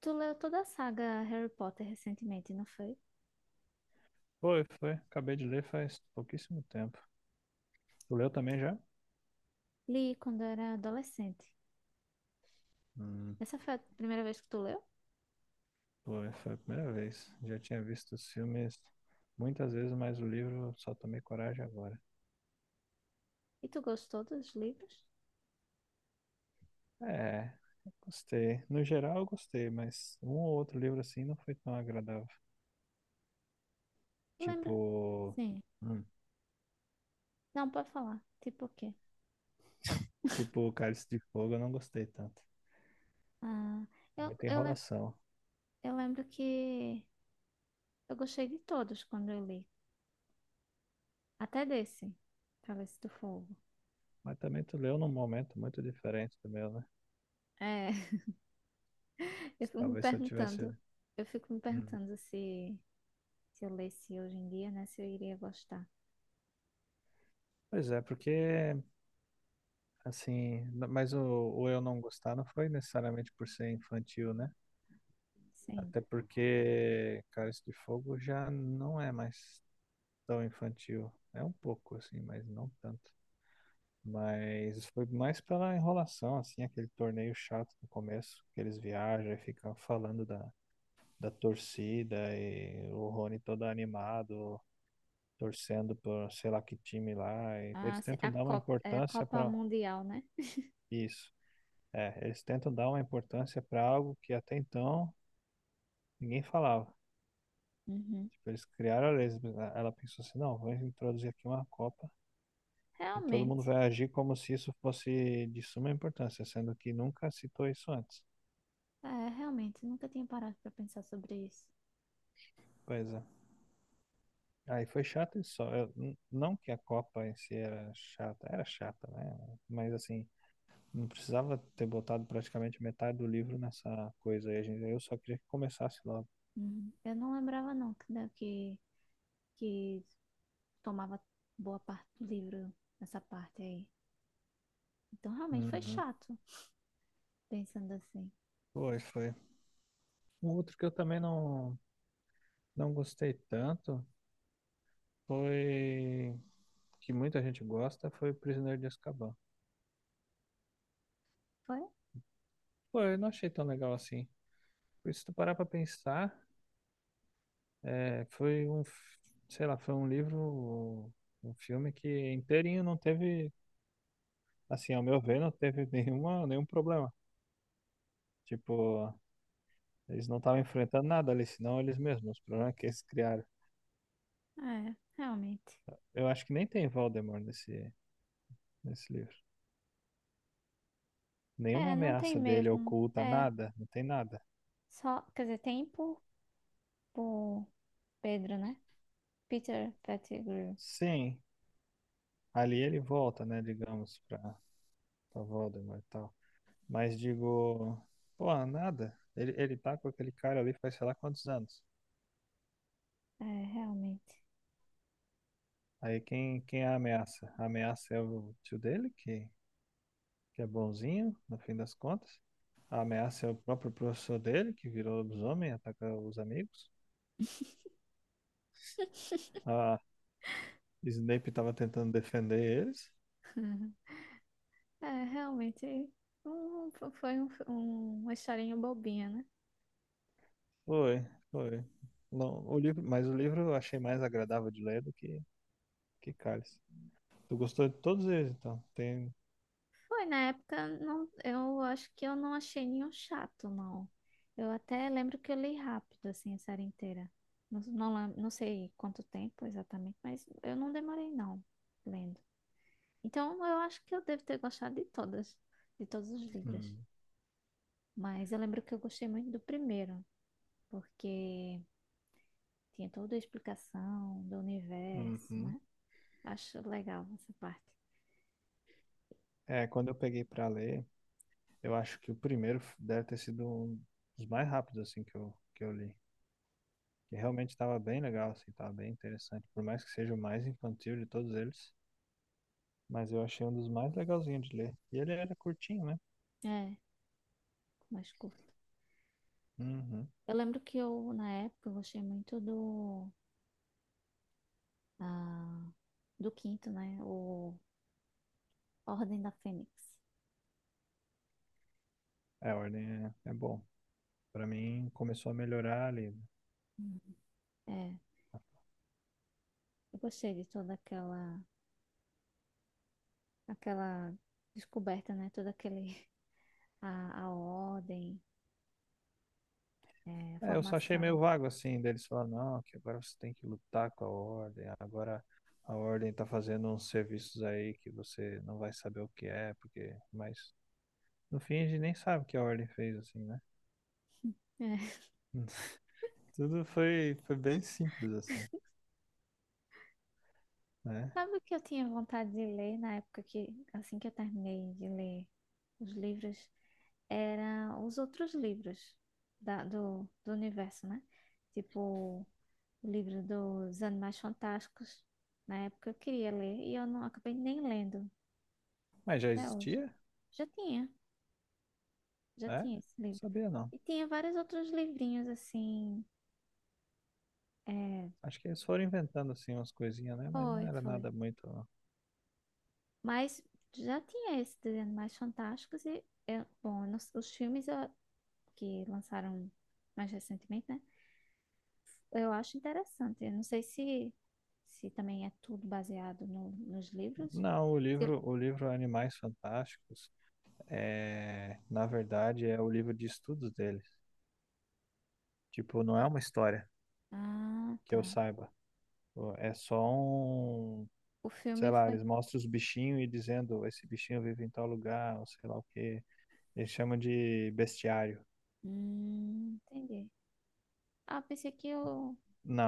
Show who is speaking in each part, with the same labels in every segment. Speaker 1: Tu leu toda a saga Harry Potter recentemente, não foi?
Speaker 2: Foi, foi. Acabei de ler faz pouquíssimo tempo. Tu leu também já?
Speaker 1: Li quando era adolescente.
Speaker 2: Hum,
Speaker 1: Essa foi a primeira vez que tu leu?
Speaker 2: foi, foi a primeira vez. Já tinha visto os filmes muitas vezes, mas o livro só tomei coragem agora.
Speaker 1: E tu gostou dos livros?
Speaker 2: É, gostei. No geral, eu gostei, mas um ou outro livro assim não foi tão agradável.
Speaker 1: Lembra?
Speaker 2: Tipo,
Speaker 1: Sim.
Speaker 2: hum,
Speaker 1: Não, pode falar. Tipo o quê?
Speaker 2: tipo Cálice de Fogo, eu não gostei tanto.
Speaker 1: Ah, eu,
Speaker 2: Muita
Speaker 1: eu, lem-
Speaker 2: enrolação.
Speaker 1: eu lembro que eu gostei de todos quando eu li. Até desse, Cálice do Fogo.
Speaker 2: Mas também tu leu num momento muito diferente do meu, né?
Speaker 1: É, eu fico me
Speaker 2: Talvez se eu tivesse.
Speaker 1: perguntando, eu fico me
Speaker 2: Hum.
Speaker 1: perguntando se eu lesse hoje em dia, né? Se eu iria gostar.
Speaker 2: Pois é, porque assim, mas o eu não gostar não foi necessariamente por ser infantil, né?
Speaker 1: Sim.
Speaker 2: Até porque Cálice de Fogo já não é mais tão infantil. É um pouco, assim, mas não tanto. Mas foi mais pela enrolação, assim, aquele torneio chato no começo, que eles viajam e ficam falando da torcida e o Rony todo animado, torcendo por sei lá que time lá. E eles
Speaker 1: Ah, se-
Speaker 2: tentam
Speaker 1: a,
Speaker 2: dar uma
Speaker 1: Copa, a
Speaker 2: importância
Speaker 1: Copa
Speaker 2: para
Speaker 1: Mundial, né?
Speaker 2: isso. É, eles tentam dar uma importância para algo que até então ninguém falava.
Speaker 1: Uhum.
Speaker 2: Tipo, eles criaram a lesma. Ela pensou assim, não, vamos introduzir aqui uma Copa e todo mundo
Speaker 1: Realmente,
Speaker 2: vai agir como se isso fosse de suma importância, sendo que nunca citou isso antes.
Speaker 1: é, realmente, nunca tinha parado para pensar sobre isso.
Speaker 2: Pois é. Aí foi chato isso só. Não que a Copa em si era chata, né? Mas assim, não precisava ter botado praticamente metade do livro nessa coisa aí. Eu só queria que começasse logo.
Speaker 1: Uhum. Eu não lembrava não que, né, que tomava boa parte do livro nessa parte aí. Então realmente foi
Speaker 2: Uhum.
Speaker 1: chato, pensando assim.
Speaker 2: Foi, foi. Um outro que eu também não gostei tanto foi que muita gente gosta foi o Prisioneiro de Azkaban.
Speaker 1: Foi?
Speaker 2: Pô, eu não achei tão legal assim. Porque se tu parar pra pensar, foi sei lá, foi um livro, um filme que inteirinho não teve, assim, ao meu ver, não teve nenhum problema. Tipo, eles não estavam enfrentando nada ali, senão eles mesmos, os problemas que eles criaram.
Speaker 1: É, realmente.
Speaker 2: Eu acho que nem tem Voldemort nesse livro. Nenhuma
Speaker 1: É, não tem
Speaker 2: ameaça dele
Speaker 1: mesmo.
Speaker 2: oculta,
Speaker 1: É,
Speaker 2: nada, não tem nada.
Speaker 1: só, quer dizer, tem por Pedro, né? Peter Pettigrew.
Speaker 2: Sim, ali ele volta, né, digamos, pra Voldemort e tal. Mas digo, pô, nada. Ele tá com aquele cara ali faz sei lá quantos anos.
Speaker 1: É, realmente.
Speaker 2: Aí quem é a ameaça? A ameaça é o tio dele, que é bonzinho, no fim das contas. A ameaça é o próprio professor dele, que virou lobisomem, ataca os amigos. A Snape tava tentando defender eles.
Speaker 1: É, realmente. um- Foi uma historinha bobinha, né?
Speaker 2: Foi, foi. Não, o livro, mas o livro eu achei mais agradável de ler do que Cálice. Tu gostou de todos eles, então? Tem,
Speaker 1: Foi, na época, não, eu acho que eu não achei nenhum chato, não. Eu até lembro que eu li rápido, assim, a série inteira. Não sei quanto tempo exatamente, mas eu não demorei, não, lendo. Então, eu acho que eu devo ter gostado de todas, de todos os livros.
Speaker 2: hum,
Speaker 1: Mas eu lembro que eu gostei muito do primeiro, porque tinha toda a explicação do universo,
Speaker 2: uhum.
Speaker 1: né? Acho legal essa parte.
Speaker 2: É, quando eu peguei pra ler, eu acho que o deve ter sido um dos mais rápidos assim que que eu li. Que realmente estava bem legal, assim, estava bem interessante. Por mais que seja o mais infantil de todos eles, mas eu achei um dos mais legalzinhos de ler. E ele era curtinho, né?
Speaker 1: É, mais curto.
Speaker 2: Uhum.
Speaker 1: Eu lembro que eu, na época, eu gostei muito do Ah, do quinto, né? O Ordem da Fênix.
Speaker 2: É, a ordem é, é bom. Pra mim, começou a melhorar ali.
Speaker 1: Uhum. É, eu gostei de toda aquela descoberta, né? Toda aquele, a ordem, é, a
Speaker 2: É, eu só achei
Speaker 1: formação.
Speaker 2: meio vago assim, deles falando, não, que agora você tem que lutar com a ordem, agora a ordem tá fazendo uns serviços aí que você não vai saber o que é, porque. Mas no fim a gente nem sabe o que a ordem fez, assim, né?
Speaker 1: É.
Speaker 2: Tudo foi, foi bem simples, assim, né?
Speaker 1: Sabe o que eu tinha vontade de ler na época que, assim que eu terminei de ler os livros, era os outros livros do universo, né? Tipo, o livro dos Animais Fantásticos. Na época eu queria ler e eu não acabei nem lendo
Speaker 2: Mas já
Speaker 1: até hoje.
Speaker 2: existia?
Speaker 1: Já tinha, já
Speaker 2: É? Não
Speaker 1: tinha esse livro.
Speaker 2: sabia não.
Speaker 1: E tinha vários outros livrinhos assim. É,
Speaker 2: Acho que eles foram inventando assim umas coisinhas, né? Mas não
Speaker 1: foi,
Speaker 2: era
Speaker 1: foi.
Speaker 2: nada muito. Não,
Speaker 1: Mas já tinha esses desenhos mais fantásticos e, eu- bom, eu não- s- os filmes eu- que lançaram mais recentemente, né? Eu acho interessante. Eu não sei se, se também é tudo baseado nos livros.
Speaker 2: não,
Speaker 1: Se-
Speaker 2: o livro Animais Fantásticos, é, na verdade, é o livro de estudos dele. Tipo, não é uma história
Speaker 1: Ah,
Speaker 2: que
Speaker 1: tá.
Speaker 2: eu saiba. Pô, é só um.
Speaker 1: O
Speaker 2: Sei
Speaker 1: filme
Speaker 2: lá,
Speaker 1: foi.
Speaker 2: eles mostram os bichinhos e dizendo esse bichinho vive em tal lugar, ou sei lá o quê. Eles chamam de bestiário.
Speaker 1: Entendi. Ah, pensei que eu...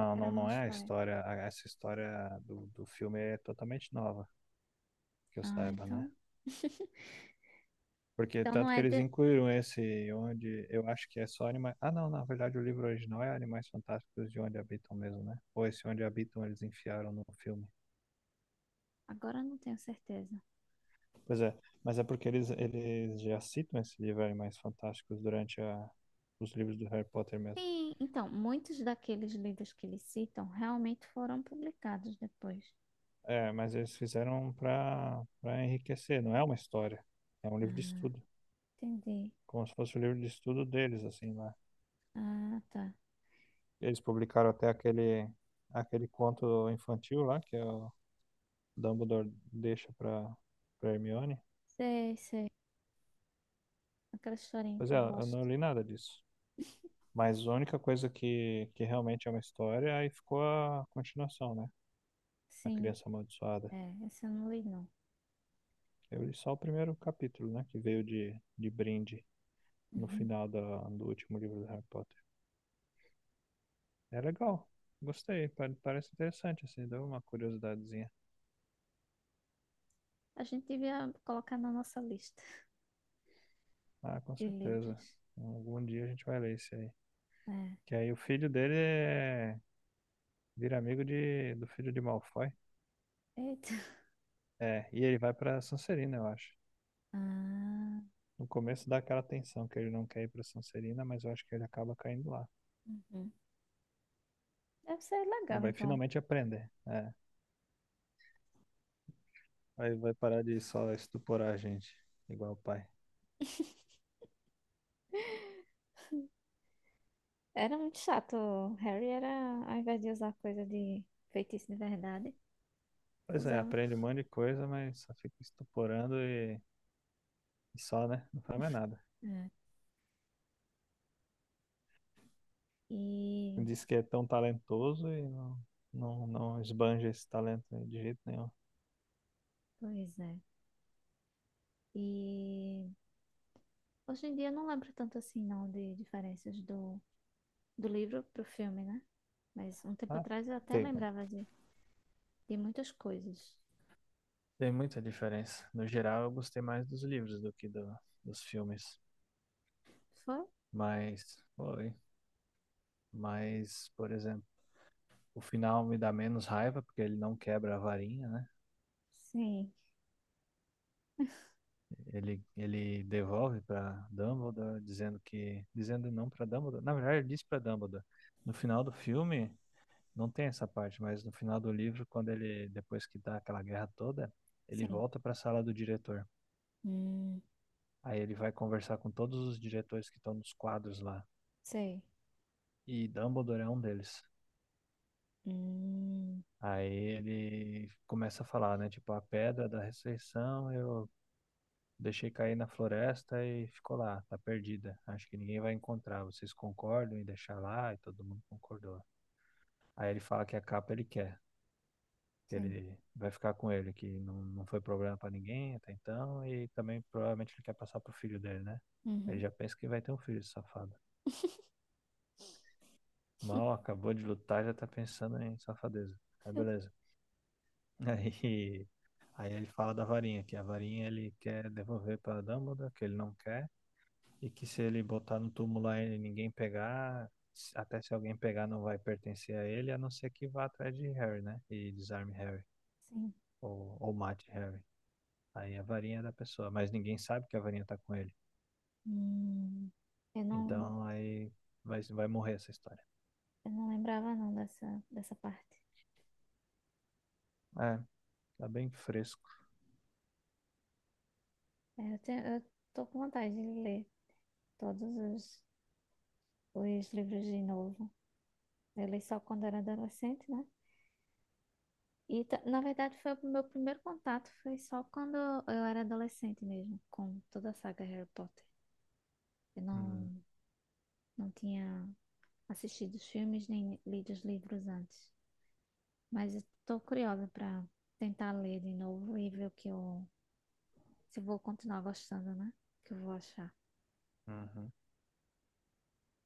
Speaker 1: que era
Speaker 2: não,
Speaker 1: uma
Speaker 2: não é a
Speaker 1: história.
Speaker 2: história. Essa história do filme é totalmente nova, que eu
Speaker 1: Ah,
Speaker 2: saiba, né?
Speaker 1: então.
Speaker 2: Porque
Speaker 1: Então não
Speaker 2: tanto que
Speaker 1: é
Speaker 2: eles
Speaker 1: de...
Speaker 2: incluíram esse, onde eu acho que é só animais. Ah, não, na verdade o livro original é Animais Fantásticos de Onde Habitam mesmo, né? Ou esse Onde Habitam eles enfiaram no filme.
Speaker 1: Agora eu não tenho certeza.
Speaker 2: Pois é, mas é porque eles já citam esses livros Animais Fantásticos durante os livros do Harry Potter mesmo.
Speaker 1: Sim, então, muitos daqueles livros que eles citam realmente foram publicados depois.
Speaker 2: É, mas eles fizeram para enriquecer, não é uma história, é um livro de
Speaker 1: Ah,
Speaker 2: estudo,
Speaker 1: entendi.
Speaker 2: como se fosse o livro de estudo deles, assim, lá.
Speaker 1: Ah, tá.
Speaker 2: Eles publicaram até aquele, aquele conto infantil lá, que é o Dumbledore deixa para Hermione.
Speaker 1: Sei, sei. Aquela historinha
Speaker 2: Pois
Speaker 1: que
Speaker 2: é,
Speaker 1: eu
Speaker 2: eu não
Speaker 1: gosto.
Speaker 2: li nada disso. Mas a única coisa que realmente é uma história, aí ficou a continuação, né? A
Speaker 1: Sim,
Speaker 2: Criança Amaldiçoada.
Speaker 1: é, essa eu não li, não.
Speaker 2: Eu li só o primeiro capítulo, né? Que veio de brinde no
Speaker 1: Uhum.
Speaker 2: final do último livro do Harry Potter. É legal. Gostei. Parece interessante, assim. Deu uma curiosidadezinha.
Speaker 1: A gente devia colocar na nossa lista
Speaker 2: Ah, com
Speaker 1: de
Speaker 2: certeza.
Speaker 1: livros.
Speaker 2: Algum dia a gente vai ler isso aí.
Speaker 1: É.
Speaker 2: Que aí o filho dele é... vira amigo de... do filho de Malfoy.
Speaker 1: Eita.
Speaker 2: É, e ele vai pra Sonserina, eu acho.
Speaker 1: Ah,
Speaker 2: No começo dá aquela tensão que ele não quer ir pra Sonserina, mas eu acho que ele acaba caindo lá.
Speaker 1: uhum. Deve ser
Speaker 2: Ele
Speaker 1: legal,
Speaker 2: vai
Speaker 1: então.
Speaker 2: finalmente aprender. É. Aí vai parar de só estuporar a gente, igual o pai.
Speaker 1: Era muito chato. O Harry era, ao invés de usar coisa de feitiço de verdade,
Speaker 2: Pois é,
Speaker 1: usava.
Speaker 2: aprende um monte de coisa, mas só fica estuporando e só, né? Não faz mais nada.
Speaker 1: É. E
Speaker 2: Diz que é tão talentoso e não, não, não esbanja esse talento de jeito nenhum.
Speaker 1: pois é. E hoje em dia eu não lembro tanto assim, não, de diferenças do livro pro filme, né? Mas um tempo
Speaker 2: Ah,
Speaker 1: atrás eu até
Speaker 2: tem,
Speaker 1: lembrava de muitas coisas.
Speaker 2: tem muita diferença. No geral, eu gostei mais dos livros do que dos filmes.
Speaker 1: Foi?
Speaker 2: Mas, foi. Mas, por exemplo, o final me dá menos raiva porque ele não quebra a varinha, né?
Speaker 1: Sim,
Speaker 2: Ele devolve para Dumbledore, dizendo que. Dizendo não para Dumbledore. Na verdade, ele diz para Dumbledore. No final do filme. Não tem essa parte, mas no final do livro, quando ele, depois que dá aquela guerra toda, ele
Speaker 1: sim.
Speaker 2: volta para a sala do diretor.
Speaker 1: Hum,
Speaker 2: Aí ele vai conversar com todos os diretores que estão nos quadros lá.
Speaker 1: sei.
Speaker 2: E Dumbledore é um deles.
Speaker 1: Hum,
Speaker 2: Aí ele começa a falar, né? Tipo, a pedra da ressurreição eu deixei cair na floresta e ficou lá, tá perdida. Acho que ninguém vai encontrar. Vocês concordam em deixar lá? E todo mundo concordou. Aí ele fala que a capa ele quer. Que
Speaker 1: sim.
Speaker 2: ele vai ficar com ele, que não, não foi problema pra ninguém até então, e também provavelmente ele quer passar pro filho dele, né? Ele
Speaker 1: Uhum,
Speaker 2: já pensa que vai ter um filho, esse safado. Mal acabou de lutar, já tá pensando em safadeza. Aí beleza. Aí, aí ele fala da varinha, que a varinha ele quer devolver pra Dumbledore, que ele não quer, e que se ele botar no túmulo lá e ninguém pegar, até se alguém pegar não vai pertencer a ele, a não ser que vá atrás de Harry, né? E desarme Harry,
Speaker 1: sim.
Speaker 2: ou mate Harry. Aí a varinha é da pessoa, mas ninguém sabe que a varinha tá com ele.
Speaker 1: Hum, eu não,
Speaker 2: Então aí vai morrer essa história.
Speaker 1: eu não lembrava não dessa parte.
Speaker 2: É, tá bem fresco.
Speaker 1: É, eu, tenho, eu tô com vontade de ler todos os livros de novo. Eu li só quando era adolescente, né? Na verdade, foi o meu primeiro contato foi só quando eu era adolescente mesmo, com toda a saga Harry Potter. Eu
Speaker 2: Hum,
Speaker 1: não, não tinha assistido os filmes nem lido os livros antes. Mas estou curiosa para tentar ler de novo e ver o que eu, se eu vou continuar gostando, né? O que eu vou achar.
Speaker 2: uhum.